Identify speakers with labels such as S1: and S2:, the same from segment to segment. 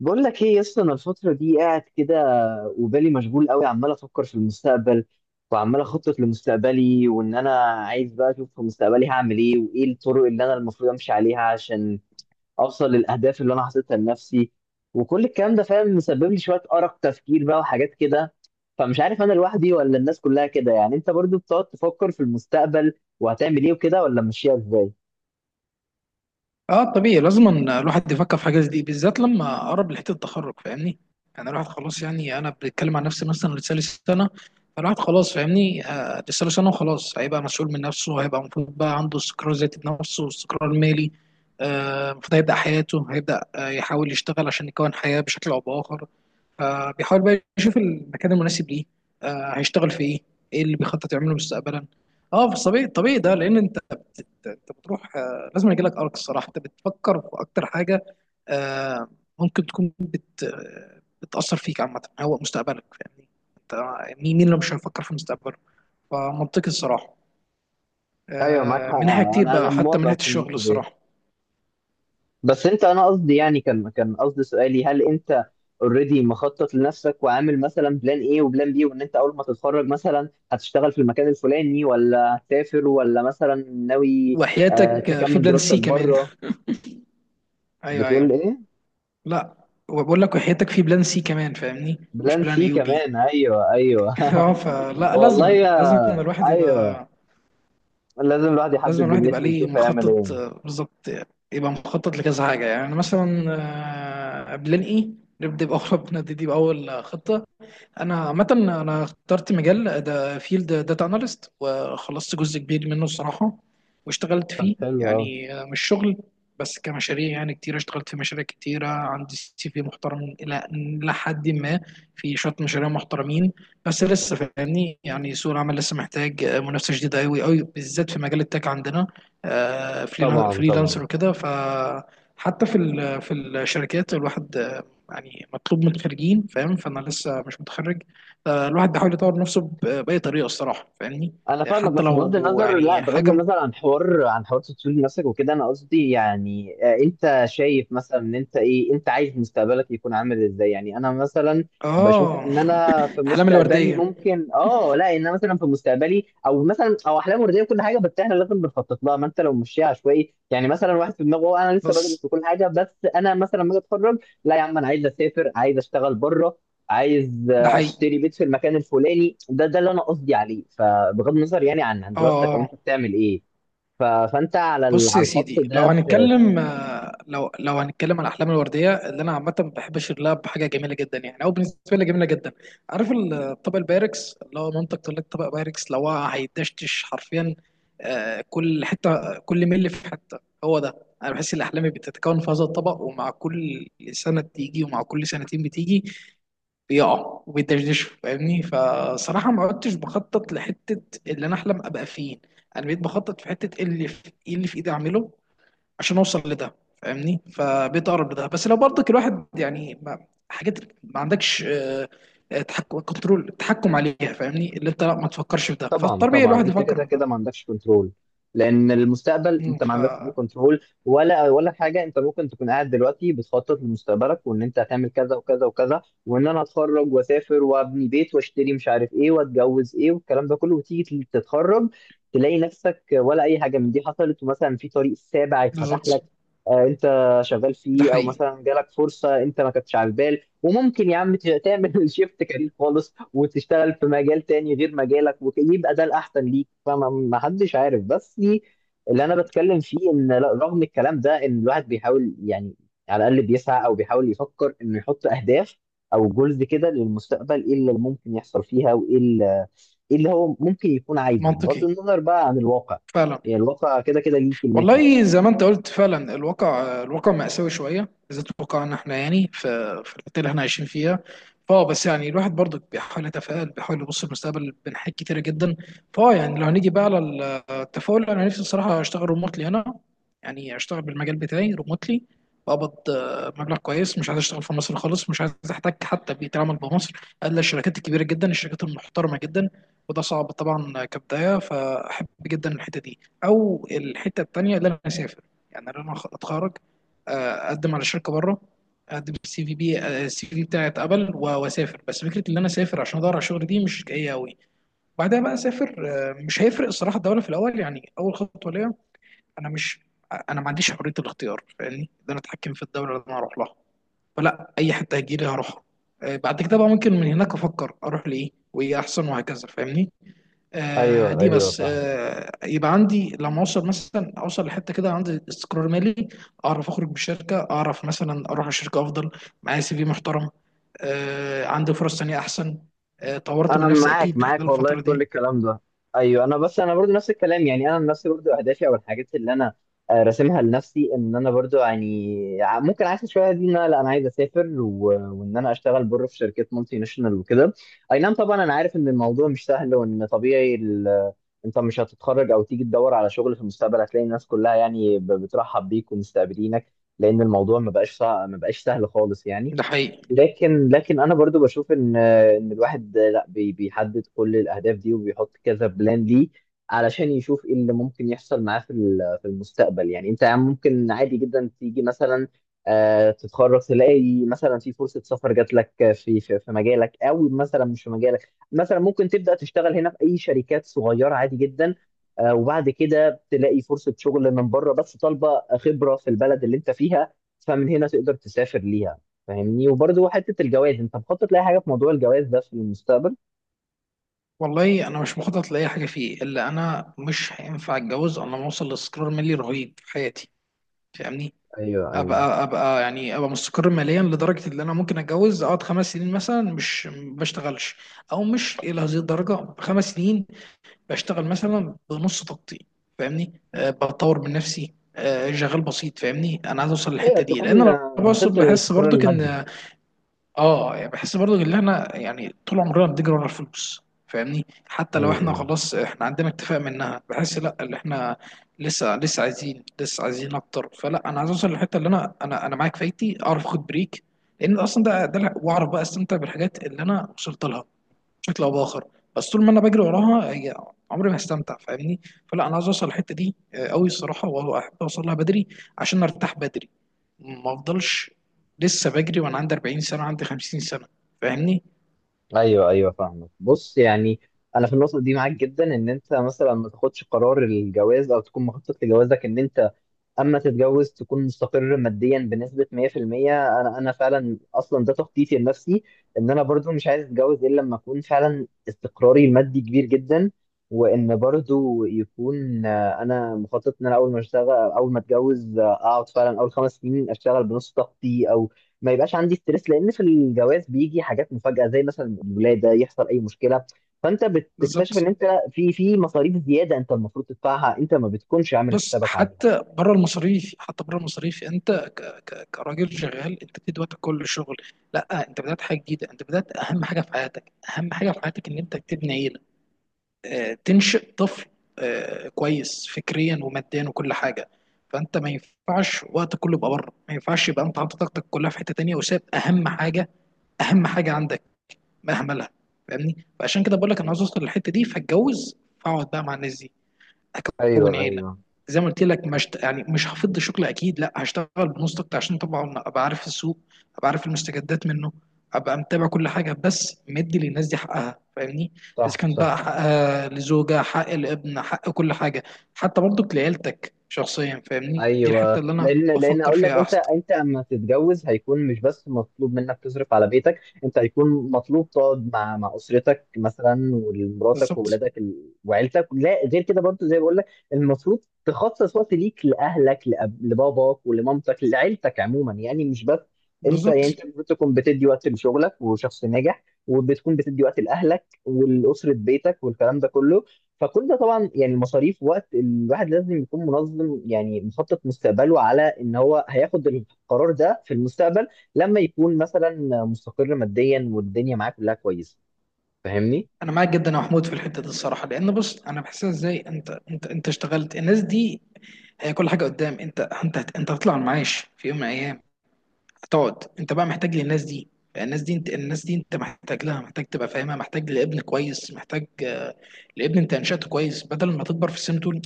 S1: بقول لك ايه يا اسطى، انا الفتره دي قاعد كده وبالي مشغول قوي، عمال افكر في المستقبل وعمال اخطط لمستقبلي، وان انا عايز بقى اشوف في مستقبلي هعمل ايه وايه الطرق اللي انا المفروض امشي عليها عشان اوصل للاهداف اللي انا حاططها لنفسي. وكل الكلام ده فاهم مسبب لي شويه ارق تفكير بقى وحاجات كده. فمش عارف انا لوحدي ولا الناس كلها كده، يعني انت برضو بتقعد تفكر في المستقبل وهتعمل ايه وكده ولا ماشيها ازاي؟
S2: اه طبيعي، لازم أن الواحد يفكر في حاجه زي دي، بالذات لما قرب لحته التخرج. فاهمني؟ يعني الواحد خلاص، يعني انا بتكلم عن نفسي مثلا، لسه لي سنه. فالواحد خلاص، فاهمني؟ لسه له سنه، وخلاص هيبقى مسؤول من نفسه، هيبقى المفروض بقى عنده استقرار ذاتي بنفسه واستقرار مالي. المفروض هيبدا حياته، هيبدا يحاول يشتغل عشان يكون حياه بشكل او باخر. فبيحاول بقى يشوف المكان المناسب ليه. هيشتغل في ايه، ايه اللي بيخطط يعمله مستقبلا. اه في الطبيعي، الطبيعي ده لان انت بتروح، لازم يجي لك ارك. الصراحه انت بتفكر في اكتر حاجه، آه، ممكن تكون بتاثر فيك عامه، هو مستقبلك. فاهمني؟ انت، مين اللي مش هيفكر في مستقبله؟ فمنطقي الصراحه.
S1: ايوه معاك حق.
S2: من ناحيه كتير
S1: انا
S2: بقى، حتى من
S1: موافق
S2: ناحيه
S1: في
S2: الشغل
S1: النقطه دي.
S2: الصراحه.
S1: بس انت، انا قصدي يعني، كان قصدي سؤالي، هل انت اوريدي مخطط لنفسك وعامل مثلا بلان ايه وبلان بي، وان انت اول ما تتخرج مثلا هتشتغل في المكان الفلاني ولا هتسافر ولا مثلا ناوي آه
S2: وحياتك في
S1: تكمل
S2: بلان
S1: دراستك
S2: سي كمان.
S1: بره؟
S2: ايوه ايوه.
S1: بتقول ايه؟
S2: لا، وبقول لك وحياتك في بلان سي كمان، فاهمني؟ مش
S1: بلان
S2: بلان
S1: سي
S2: اي وبي.
S1: كمان، ايوه ايوه
S2: اه فلا
S1: والله
S2: لازم
S1: يا،
S2: لازم الواحد
S1: ايوه،
S2: يبقى،
S1: لازم الواحد
S2: لازم
S1: يحدد
S2: الواحد يبقى
S1: دنيته
S2: ليه
S1: ويشوف هيعمل ايه.
S2: مخطط، بالظبط. يبقى مخطط لكذا حاجة، يعني مثلا بلان ايه. نبدأ بأول نبتدي بأول خطة. انا عامه انا اخترت مجال ده، فيلد داتا اناليست، وخلصت جزء كبير منه الصراحه. واشتغلت
S1: طب
S2: فيه،
S1: حلو قوي.
S2: يعني مش شغل بس كمشاريع، يعني كتير اشتغلت في مشاريع كتيرة. عندي سي في محترم إلى حد ما، في شوية مشاريع محترمين. بس لسه فاهمني، يعني سوق العمل لسه محتاج منافسة شديدة أوي أوي بالذات في مجال التك عندنا. آه،
S1: طبعا طبعا.
S2: فريلانسر وكده، فحتى في الشركات الواحد، يعني مطلوب من الخريجين، فاهم؟ فانا لسه مش متخرج. فالواحد بيحاول يطور نفسه باي طريقه الصراحه، فاهمني؟
S1: انا فاهمك،
S2: حتى
S1: بس بغض
S2: لو
S1: النظر، لا
S2: يعني
S1: بغض
S2: حاجه
S1: النظر عن حوار تطوير نفسك وكده. انا قصدي يعني، انت شايف مثلا ان انت ايه، انت عايز مستقبلك يكون عامل ازاي؟ يعني انا مثلا بشوف
S2: اه
S1: ان انا في
S2: الاحلام
S1: مستقبلي
S2: الورديه.
S1: ممكن، لا، ان انا مثلا في مستقبلي، او مثلا او احلام ورديه وكل حاجه، بس احنا لازم بنخطط لها. ما انت لو مشيها عشوائي، يعني مثلا واحد في دماغه "أه، انا لسه بدرس
S2: بس
S1: وكل حاجه، بس انا مثلا لما اجي اتخرج، لا يا عم انا عايز اسافر، عايز اشتغل بره، عايز
S2: ده حقيقي.
S1: اشتري بيت في المكان الفلاني. ده اللي انا قصدي عليه. فبغض النظر يعني عن
S2: اه
S1: دراستك او
S2: آه.
S1: انت بتعمل ايه، فانت على
S2: بص
S1: على
S2: يا
S1: الخط
S2: سيدي، لو
S1: ده في.
S2: هنتكلم، لو هنتكلم على الاحلام الورديه، اللي انا عامه بحب اشير لها بحاجه جميله جدا، يعني او بالنسبه لي جميله جدا. عارف الطبق البايركس اللي هو مامتك تقول لك طبق بايركس، لو هو هيدشتش حرفيا، كل حته، كل ملي في حته، هو ده. انا بحس ان احلامي بتتكون في هذا الطبق، ومع كل سنه بتيجي، ومع كل سنتين بتيجي، بيقع وبيدشدشوا، فاهمني؟ فصراحة ما عدتش بخطط لحتة اللي أنا أحلم أبقى فين. أنا بقيت بخطط في حتة إيه اللي في إيدي أعمله عشان أوصل لده، فاهمني؟ فبقيت أقرب لده. بس لو برضك الواحد، يعني ما حاجات ما عندكش تحكم، كنترول، تحكم عليها، فاهمني؟ اللي أنت لا ما تفكرش في ده،
S1: طبعا
S2: فالطبيعي
S1: طبعا،
S2: الواحد
S1: انت
S2: يفكر
S1: كده
S2: في ده.
S1: كده ما عندكش كنترول، لان المستقبل
S2: مم،
S1: انت ما
S2: ف
S1: عندكش فيه كنترول ولا حاجه. انت ممكن تكون قاعد دلوقتي بتخطط لمستقبلك وان انت هتعمل كذا وكذا وكذا، وان انا اتخرج واسافر وابني بيت واشتري مش عارف ايه واتجوز ايه والكلام ده كله، وتيجي تتخرج تلاقي نفسك ولا اي حاجه من دي حصلت، ومثلا في طريق سابع اتفتح
S2: بالظبط،
S1: لك انت شغال
S2: ده
S1: فيه، او
S2: حقيقي.
S1: مثلا جالك فرصه انت ما كنتش على البال، وممكن يا عم تعمل شيفت كارير خالص وتشتغل في مجال تاني غير مجالك ويبقى ده الأحسن ليك. فما ما حدش عارف. بس دي اللي أنا بتكلم فيه، إن رغم الكلام ده إن الواحد بيحاول يعني على الأقل بيسعى أو بيحاول يفكر إنه يحط أهداف أو جولز كده للمستقبل، إيه اللي ممكن يحصل فيها، وإيه اللي هو ممكن يكون عايزه بغض
S2: منطقي
S1: النظر بقى عن الواقع.
S2: فعلا.
S1: يعني الواقع كده كده ليه كلمته.
S2: والله زي ما انت قلت فعلا، الواقع، الواقع مأساوي شويه، بالذات واقعنا احنا، يعني في الحته اللي احنا عايشين فيها. بس يعني الواحد برضه بيحاول يتفائل، بيحاول يبص للمستقبل بين حاجات كتيره جدا. يعني لو هنيجي بقى على التفاؤل، انا نفسي الصراحه اشتغل ريموتلي هنا. يعني اشتغل بالمجال بتاعي ريموتلي، بقبض مبلغ كويس. مش عايز اشتغل في مصر خالص، مش عايز احتاج حتى بيئه العمل بمصر الا الشركات الكبيره جدا، الشركات المحترمه جدا. وده صعب طبعا كبدايه، فاحب جدا الحته دي، او الحته التانيه اللي انا اسافر. يعني انا اتخرج، آه، اقدم على شركه بره. اقدم السي في بي، السي في بتاعي اتقبل واسافر. بس فكره ان انا اسافر عشان ادور على شغل دي مش جايه قوي. بعدها بقى اسافر، مش هيفرق الصراحه الدوله في الاول. يعني اول خطوه ليا، انا مش انا ما عنديش حريه الاختيار، فاهمني؟ ان انا اتحكم في الدوله اللي انا هروح لها. فلا، اي حته هتجيلي هروحها. بعد كده بقى ممكن من هناك افكر اروح لايه، وايه احسن، وهكذا، فاهمني؟
S1: ايوه
S2: دي
S1: ايوه
S2: بس
S1: فاهم.
S2: يبقى عندي لما اوصل، مثلا اوصل لحته كده عندي استقرار مالي، اعرف اخرج من الشركه، اعرف مثلا اروح الشركه افضل. معايا سي في محترم، عندي فرص تانية احسن، طورت من
S1: انا
S2: نفسي
S1: معاك
S2: اكيد خلال
S1: والله
S2: الفتره
S1: في كل
S2: دي.
S1: الكلام ده. ايوه، انا بس انا برضو نفس الكلام، يعني انا نفسي برضو اهدافي او الحاجات اللي انا راسمها لنفسي، ان انا برضو يعني ممكن عايز شويه دي، ان انا لا انا عايز اسافر، وان انا اشتغل بره في شركات مالتي ناشونال وكده. اي نعم، طبعا انا عارف ان الموضوع مش سهل، وان طبيعي، انت مش هتتخرج او تيجي تدور على شغل في المستقبل هتلاقي الناس كلها يعني بترحب بيك ومستقبلينك، لان الموضوع ما بقاش سهل خالص يعني.
S2: ده حقيقي.
S1: لكن انا برضو بشوف ان، ان الواحد، لا بيحدد كل الاهداف دي وبيحط كذا بلان ليه علشان يشوف ايه اللي ممكن يحصل معاه في المستقبل. يعني انت ممكن عادي جدا تيجي مثلا، تتخرج تلاقي مثلا في فرصة سفر جات لك في مجالك، او مثلا مش في مجالك، مثلا ممكن تبدأ تشتغل هنا في اي شركات صغيرة عادي جدا. وبعد كده تلاقي فرصة شغل من بره بس طالبة خبرة في البلد اللي انت فيها، فمن هنا تقدر تسافر ليها فاهمني. وبرضه حته الجواز، انت مخطط لاي حاجه في موضوع الجواز ده في المستقبل؟
S2: والله انا مش مخطط لاي حاجه فيه، الا انا مش هينفع اتجوز الا لما اوصل لاستقرار مالي رهيب في حياتي، فاهمني؟
S1: ايوه ايوه
S2: ابقى يعني ابقى مستقر ماليا لدرجه ان انا ممكن اتجوز، اقعد 5 سنين مثلا مش ما بشتغلش، او مش الى هذه الدرجه 5 سنين، بشتغل مثلا بنص طاقتي، فاهمني؟ بطور من نفسي، شغال بسيط، فاهمني؟ انا عايز اوصل
S1: ايوه،
S2: للحته دي، لان
S1: تكون
S2: انا
S1: وصلت
S2: بحس
S1: للاستقرار
S2: برضو
S1: المادي.
S2: ان، اه يعني بحس برضو ان احنا، يعني طول عمرنا بنجري ورا الفلوس، فاهمني؟ حتى لو احنا
S1: امم.
S2: خلاص احنا عندنا اكتفاء منها، بحس لا، اللي احنا لسه عايزين، لسه عايزين اكتر. فلا انا عايز اوصل للحته اللي انا معاك فايتي اعرف اخد بريك، لان اصلا ده واعرف بقى استمتع بالحاجات اللي انا وصلت لها بشكل او باخر. بس طول ما انا بجري وراها هي، عمري ما هستمتع، فاهمني؟ فلا انا عايز اوصل الحته دي قوي الصراحه، واحب اوصل لها بدري عشان ارتاح بدري، ما افضلش لسه بجري وانا عندي 40 سنه، عندي 50 سنه، فاهمني؟
S1: ايوه ايوه فاهمك. بص يعني، انا في النقطه دي معاك جدا، ان انت مثلا ما تاخدش قرار الجواز او تكون مخطط لجوازك، ان انت اما تتجوز تكون مستقر ماديا بنسبه 100%. انا فعلا اصلا ده تخطيطي لنفسي، ان انا برضو مش عايز اتجوز الا لما اكون فعلا استقراري المادي كبير جدا، وان برضو يكون، انا مخطط ان انا اول ما اشتغل اول ما اتجوز، اقعد فعلا اول خمس سنين اشتغل بنص طاقتي، او ما يبقاش عندي ستريس، لان في الجواز بيجي حاجات مفاجاه زي مثلا الولاده، يحصل اي مشكله فانت بتكتشف
S2: بالظبط.
S1: ان انت في مصاريف زياده انت المفروض تدفعها، انت ما بتكونش عامل
S2: بص،
S1: حسابك عليها.
S2: حتى بره المصاريف، حتى بره المصاريف، انت ك ك كراجل شغال، انت بتدي وقتك كل الشغل. لا، انت بدات حاجه جديده، انت بدات اهم حاجه في حياتك، اهم حاجه في حياتك ان انت تبني، تنشئ طفل كويس فكريا وماديا وكل حاجه. فانت ما ينفعش وقت كله يبقى بره، ما ينفعش يبقى انت حاطط طاقتك كلها في حته تانيه، وساب اهم حاجه، اهم حاجه عندك، مهملها، فاهمني؟ فعشان كده بقول لك انا عاوز اوصل للحته دي، فاتجوز فاقعد بقى مع الناس دي،
S1: ايوه
S2: اكون عيله.
S1: ايوه
S2: زي ما قلت لك، مش يعني مش هفض شغل اكيد، لا هشتغل بنص طاقتي عشان طبعا ابقى عارف السوق، ابقى عارف المستجدات منه، ابقى متابع كل حاجه، بس مدي للناس دي حقها، فاهمني؟ اذا
S1: صح
S2: كان
S1: صح.
S2: بقى حقها لزوجه، حق الابن، حق كل حاجه، حتى برضك لعيلتك شخصيا، فاهمني؟ دي الحته
S1: ايوه،
S2: اللي انا
S1: لان
S2: بفكر
S1: هقول لك،
S2: فيها
S1: انت
S2: احسن.
S1: انت اما تتجوز هيكون مش بس مطلوب منك تصرف على بيتك، انت هيكون مطلوب تقعد مع اسرتك مثلا، ومراتك
S2: بالظبط
S1: وولادك وعيلتك، لا غير كده برضه زي ما بقول لك، المفروض تخصص وقت ليك لاهلك، لباباك ولمامتك، لعيلتك عموما، يعني مش بس انت.
S2: بالظبط.
S1: يعني انت المفروض تكون بتدي وقت لشغلك وشخص ناجح، وبتكون بتدي وقت لاهلك ولاسره بيتك والكلام ده كله. فكل ده طبعا يعني المصاريف، وقت الواحد لازم يكون منظم يعني مخطط مستقبله على ان هو هياخد القرار ده في المستقبل لما يكون مثلا مستقر ماديا والدنيا معاه كلها كويسه، فاهمني؟
S2: انا معاك جدا يا محمود في الحته دي الصراحه، لان بص انا بحسها ازاي. انت اشتغلت، الناس دي هي كل حاجه قدام. انت هتطلع المعاش في يوم من الايام، هتقعد انت بقى محتاج للناس دي. الناس دي انت، الناس دي انت محتاج لها، محتاج تبقى فاهمها، محتاج لابن كويس، محتاج لابن انت انشأته كويس، بدل ما تكبر في السن تقول: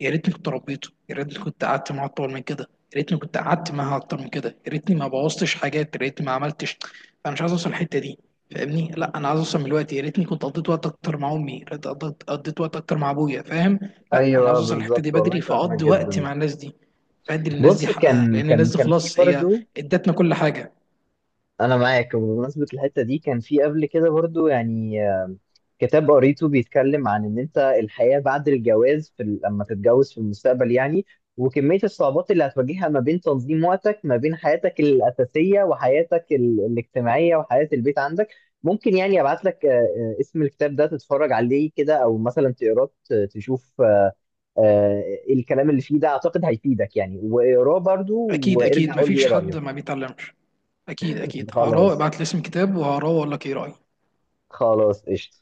S2: يا ريتني كنت ربيته، يا ريتني كنت قعدت معاه اطول من كده، يا ريتني كنت قعدت معاها اكتر من كده، يا ريتني ما بوظتش حاجات، يا ريتني ما عملتش. انا مش عايز اوصل الحته دي، فاهمني؟ لا، انا عايز اوصل من الوقت، يا ريتني كنت قضيت وقت اكتر مع امي، يا ريت قضيت وقت اكتر مع ابويا، فاهم؟ لا، انا عايز
S1: ايوه
S2: اوصل الحته دي
S1: بالظبط والله،
S2: بدري،
S1: فاهمك
S2: فاقضي وقت
S1: جدا.
S2: مع الناس دي، فادي للناس دي
S1: بص
S2: حقها،
S1: كان
S2: لان
S1: كان
S2: الناس دي
S1: كان في
S2: خلاص هي
S1: برضو،
S2: ادتنا كل حاجه.
S1: انا معاك. وبمناسبة الحتة دي، كان في قبل كده برضو يعني، كتاب قريته بيتكلم عن ان انت الحياة بعد الجواز، لما تتجوز في المستقبل يعني، وكمية الصعوبات اللي هتواجهها ما بين تنظيم وقتك، ما بين حياتك الأساسية وحياتك الاجتماعية وحياة البيت عندك. ممكن يعني ابعت لك، اسم الكتاب ده، تتفرج عليه كده او مثلا تقراه، تشوف آه، الكلام اللي فيه ده، اعتقد هيفيدك يعني، واقراه برضو
S2: اكيد
S1: وارجع
S2: اكيد،
S1: قول لي
S2: مفيش
S1: ايه
S2: حد
S1: رأيك.
S2: ما بيتعلمش. اكيد اكيد هقراه،
S1: خلاص،
S2: ابعت لي اسم كتاب وهقراه واقول لك ايه رايي.
S1: خلاص قشطة.